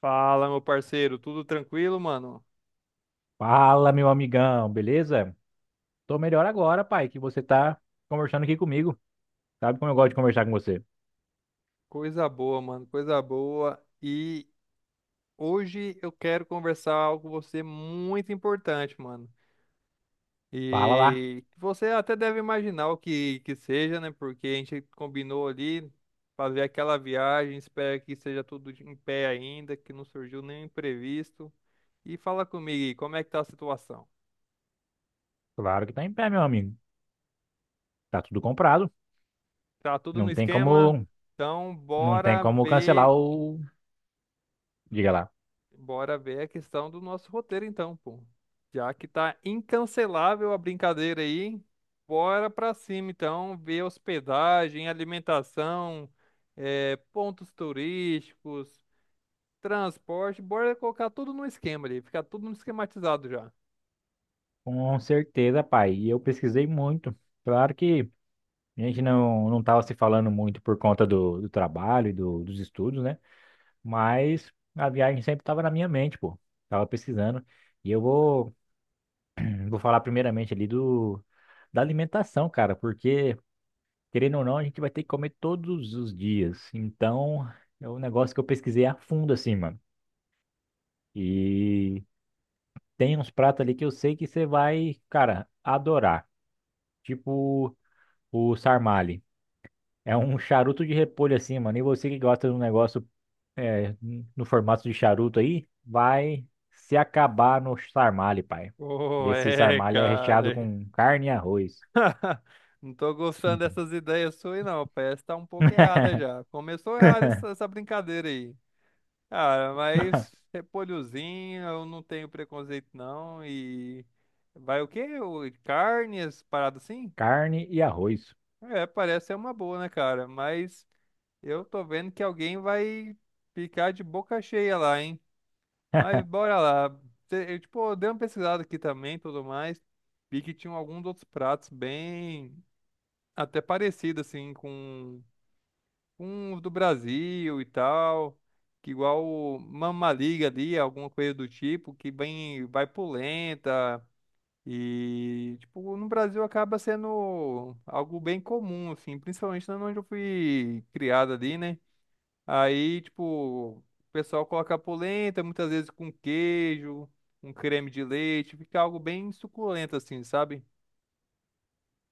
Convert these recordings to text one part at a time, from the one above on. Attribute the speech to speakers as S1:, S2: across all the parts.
S1: Fala, meu parceiro, tudo tranquilo, mano?
S2: Fala, meu amigão, beleza? Tô melhor agora, pai, que você tá conversando aqui comigo. Sabe como eu gosto de conversar com você?
S1: Coisa boa, mano, coisa boa. E hoje eu quero conversar algo com você muito importante, mano.
S2: Fala lá.
S1: E você até deve imaginar o que que seja, né? Porque a gente combinou ali fazer aquela viagem, espero que seja tudo em pé ainda, que não surgiu nenhum imprevisto. E fala comigo aí, como é que tá a situação?
S2: Claro que tá em pé, meu amigo. Tá tudo comprado.
S1: Tá tudo no
S2: Não tem
S1: esquema?
S2: como,
S1: Então,
S2: não tem
S1: bora
S2: como cancelar
S1: ver
S2: o... Diga lá.
S1: Bora ver a questão do nosso roteiro, então, pô. Já que tá incancelável a brincadeira aí, hein? Bora pra cima, então, ver hospedagem, alimentação, pontos turísticos, transporte, bora colocar tudo no esquema ali, ficar tudo esquematizado já.
S2: Com certeza, pai. E eu pesquisei muito. Claro que a gente não tava se falando muito por conta do trabalho e dos estudos, né? Mas a viagem sempre tava na minha mente, pô. Tava pesquisando. E eu vou Vou falar primeiramente ali do da alimentação, cara, porque querendo ou não, a gente vai ter que comer todos os dias. Então, é um negócio que eu pesquisei a fundo assim, mano. E tem uns pratos ali que eu sei que você vai, cara, adorar. Tipo o sarmale. É um charuto de repolho assim, mano. E você que gosta de um negócio é, no formato de charuto aí, vai se acabar no sarmale, pai. E
S1: Oh,
S2: esse
S1: é,
S2: sarmale é recheado
S1: cara.
S2: com carne e arroz.
S1: Não tô gostando dessas ideias suas, não. Parece que tá um pouco errada já. Começou errada essa brincadeira aí. Cara, mas repolhozinho, eu não tenho preconceito não. E vai o quê? O- Carnes, parada assim?
S2: Carne e arroz.
S1: É, parece ser uma boa, né, cara? Mas eu tô vendo que alguém vai ficar de boca cheia lá, hein? Mas bora lá. Cê- Eu, tipo, eu dei uma pesquisada aqui também, tudo mais. Vi que tinham alguns outros pratos bem até parecidos, assim, com uns do Brasil e tal, que igual o Mamma Liga ali, alguma coisa do tipo, que bem vai por lenta e tipo, no Brasil acaba sendo algo bem comum assim, principalmente na onde eu fui criado ali, né? Aí, tipo, o pessoal coloca polenta, muitas vezes com queijo, um creme de leite, fica algo bem suculento assim, sabe?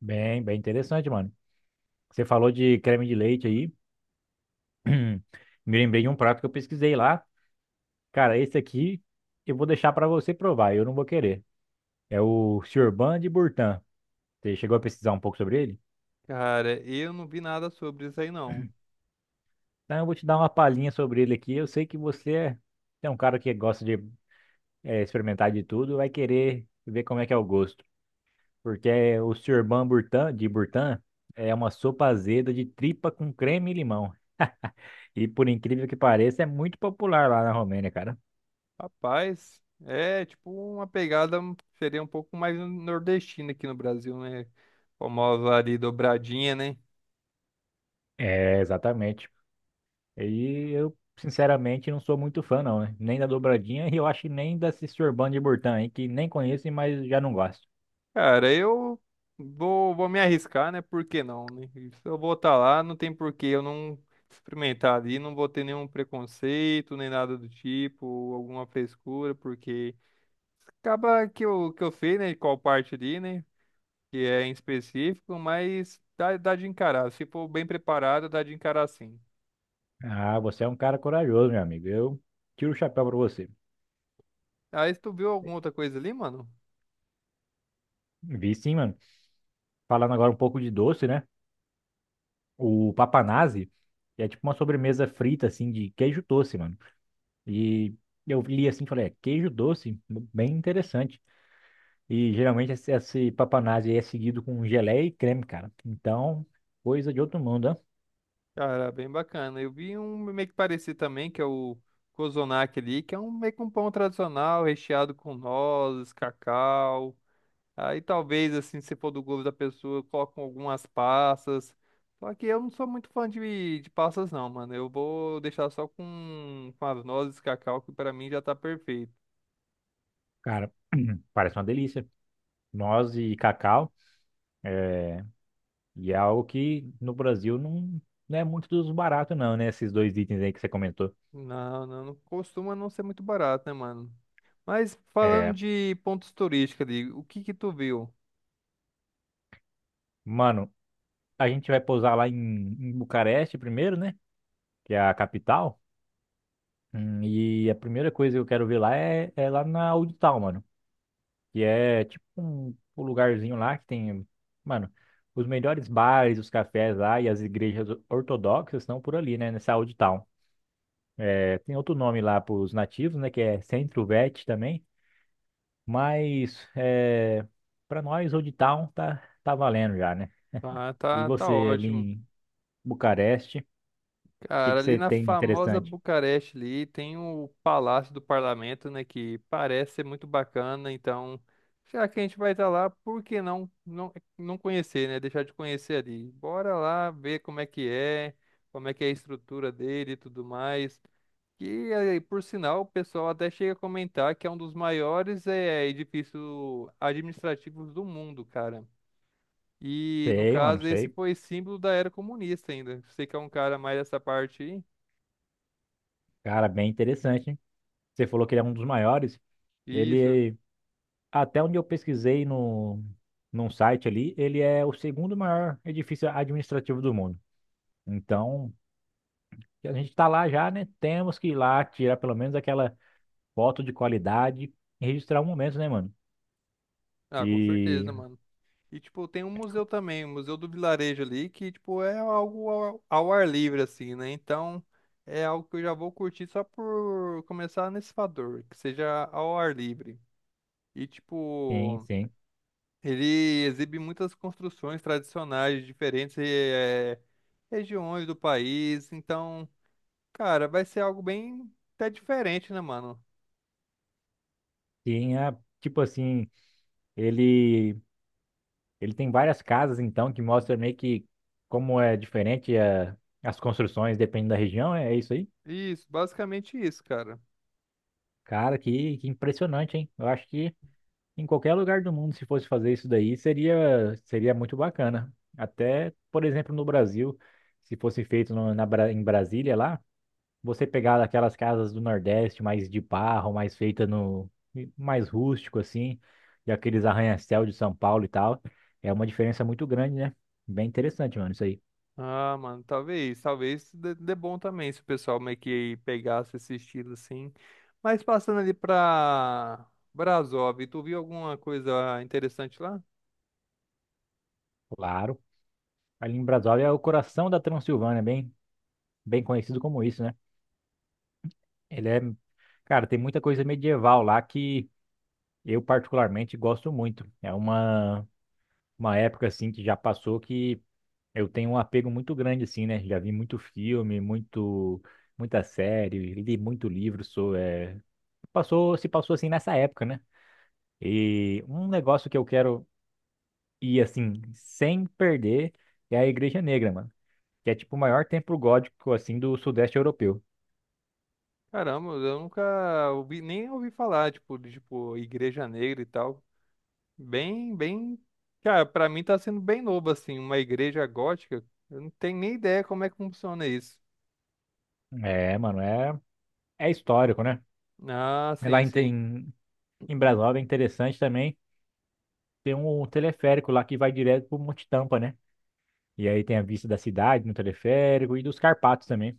S2: Bem interessante, mano. Você falou de creme de leite aí. Me lembrei de um prato que eu pesquisei lá. Cara, esse aqui eu vou deixar pra você provar, eu não vou querer. É o Churban de Burtan. Você chegou a pesquisar um pouco sobre ele?
S1: Cara, eu não vi nada sobre isso aí não.
S2: Então eu vou te dar uma palhinha sobre ele aqui. Eu sei que você é um cara que gosta de experimentar de tudo, vai querer ver como é que é o gosto. Porque o Churban Burtan, de Burtan é uma sopa azeda de tripa com creme e limão. E por incrível que pareça, é muito popular lá na Romênia, cara.
S1: Rapaz, é tipo uma pegada um, seria um pouco mais nordestina aqui no Brasil, né? Famosa ali dobradinha, né?
S2: É, exatamente. E eu, sinceramente, não sou muito fã, não, né? Nem da dobradinha e eu acho que nem da Cisorban de Burtã, aí, que nem conheço, mas já não gosto.
S1: Cara, eu vou me arriscar, né? Por que não, né? E se eu vou estar lá, não tem por que eu não experimentar ali, não vou ter nenhum preconceito, nem nada do tipo, ou alguma frescura, porque acaba que eu que eu sei, né? Qual parte ali, né? Que é em específico, mas dá de encarar. Se for bem preparado, dá de encarar sim.
S2: Ah, você é um cara corajoso, meu amigo. Eu tiro o chapéu pra você.
S1: Aí tu viu alguma outra coisa ali, mano?
S2: Vi sim, mano. Falando agora um pouco de doce, né? O papanazzi é tipo uma sobremesa frita, assim, de queijo doce, mano. E eu li assim e falei, é, queijo doce? Bem interessante. E geralmente esse papanazzi aí é seguido com geleia e creme, cara. Então, coisa de outro mundo, né?
S1: Cara, bem bacana. Eu vi um meio que parecido também, que é o Kozonak ali, que é um meio que um pão tradicional, recheado com nozes, cacau. Aí talvez, assim, se for do gosto da pessoa, colocam algumas passas. Só que eu não sou muito fã de passas, não, mano. Eu vou deixar só com as nozes, cacau, que pra mim já tá perfeito.
S2: Cara, parece uma delícia. Noz e cacau. É, e é algo que no Brasil não é muito dos baratos, não, né? Esses dois itens aí que você comentou.
S1: Não, não, não costuma não ser muito barato, né, mano? Mas falando
S2: É,
S1: de pontos turísticos ali, o que que tu viu?
S2: mano, a gente vai pousar lá em Bucareste primeiro, né? Que é a capital. E a primeira coisa que eu quero ver lá é lá na Audital, mano. Que é tipo um lugarzinho lá que tem, mano, os melhores bares, os cafés lá e as igrejas ortodoxas estão por ali, né, nessa Old Town. É, tem outro nome lá para os nativos, né, que é Centro Vet também, mas é, para nós Old Town tá valendo já, né?
S1: Ah,
S2: E
S1: tá, tá
S2: você ali
S1: ótimo.
S2: em Bucareste, o que
S1: Cara,
S2: que
S1: ali
S2: você
S1: na
S2: tem de
S1: famosa
S2: interessante?
S1: Bucareste ali tem o Palácio do Parlamento, né, que parece ser muito bacana, então já que a gente vai estar lá, por que não, não conhecer, né? Deixar de conhecer ali. Bora lá ver como é que é, como é que é a estrutura dele e tudo mais. E aí, por sinal, o pessoal até chega a comentar que é um dos maiores edifícios administrativos do mundo, cara. E, no
S2: Sei, mano,
S1: caso, esse
S2: sei.
S1: foi símbolo da era comunista ainda. Você que é um cara mais dessa parte aí.
S2: Cara, bem interessante, hein? Você falou que ele é um dos maiores.
S1: Isso.
S2: Ele Até onde eu pesquisei no, num site ali, ele é o segundo maior edifício administrativo do mundo. Então, a gente está lá já, né? Temos que ir lá tirar pelo menos aquela foto de qualidade e registrar o momento, né, mano?
S1: Ah, com
S2: E
S1: certeza, mano. E, tipo, tem um museu também, o Museu do Vilarejo ali, que, tipo, é algo ao, ao ar livre, assim, né? Então, é algo que eu já vou curtir só por começar nesse fator, que seja ao ar livre. E,
S2: sim,
S1: tipo,
S2: sim.
S1: ele exibe muitas construções tradicionais de diferentes regiões do país, então... Cara, vai ser algo bem até diferente, né, mano?
S2: Tinha, tipo assim, ele ele tem várias casas, então, que mostra meio que como é diferente é, as construções dependendo da região, é isso aí.
S1: Isso, basicamente isso, cara.
S2: Cara, que impressionante, hein? Eu acho que em qualquer lugar do mundo, se fosse fazer isso daí, seria muito bacana. Até, por exemplo, no Brasil, se fosse feito em Brasília lá, você pegar aquelas casas do Nordeste mais de barro, mais feita no, mais rústico assim, e aqueles arranha-céu de São Paulo e tal, é uma diferença muito grande, né? Bem interessante, mano, isso aí.
S1: Ah, mano, talvez, talvez dê bom também se o pessoal meio que pegasse esse estilo assim. Mas passando ali pra Brasov, tu viu alguma coisa interessante lá?
S2: Claro. Ali em Brasília é o coração da Transilvânia, bem conhecido como isso, né? Ele é, cara, tem muita coisa medieval lá que eu particularmente gosto muito. É uma época assim que já passou que eu tenho um apego muito grande assim, né? Já vi muito filme, muito muita série, li muito livro, sou é, passou, se passou assim nessa época, né? E um negócio que eu quero ir assim sem perder é a Igreja Negra, mano, que é tipo o maior templo gótico assim do Sudeste Europeu.
S1: Caramba, eu nunca ouvi, nem ouvi falar, tipo, de, tipo, Igreja Negra e tal. Bem, bem, cara, pra mim tá sendo bem novo, assim, uma igreja gótica. Eu não tenho nem ideia como é que funciona isso.
S2: É, mano, é histórico, né?
S1: Ah, sim,
S2: Lá
S1: sim.
S2: em Brasília é interessante também, tem um teleférico lá que vai direto pro Monte Tampa, né? E aí tem a vista da cidade no teleférico e dos Carpatos também,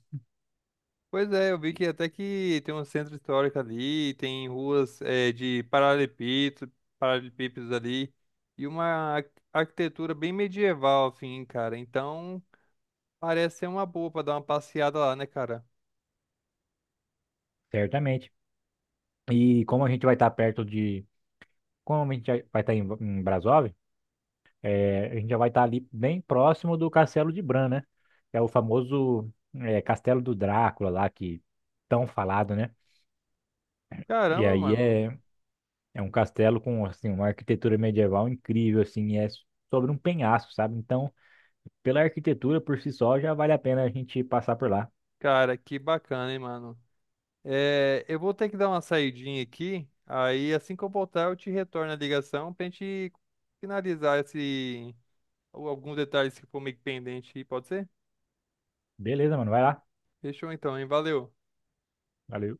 S1: Pois é, eu vi que até que tem um centro histórico ali, tem ruas de paralelepípedos, paralelepípedos ali, e uma ar- arquitetura bem medieval, assim, cara. Então, parece ser uma boa pra dar uma passeada lá, né, cara?
S2: certamente. E como a gente vai estar perto de. Como a gente já vai estar em Brasov, é, a gente já vai estar ali bem próximo do Castelo de Bran, né? Que é o famoso é, Castelo do Drácula lá, que tão falado, né? E
S1: Caramba,
S2: aí
S1: mano.
S2: é, é um castelo com assim, uma arquitetura medieval incrível, assim, e é sobre um penhasco, sabe? Então, pela arquitetura por si só, já vale a pena a gente passar por lá.
S1: Cara, que bacana, hein, mano. É, eu vou ter que dar uma saidinha aqui, aí assim que eu voltar eu te retorno a ligação pra gente finalizar esse, alguns detalhes que ficou meio que pendente, pode ser?
S2: Beleza, mano. Vai lá.
S1: Fechou então, hein? Valeu.
S2: Valeu.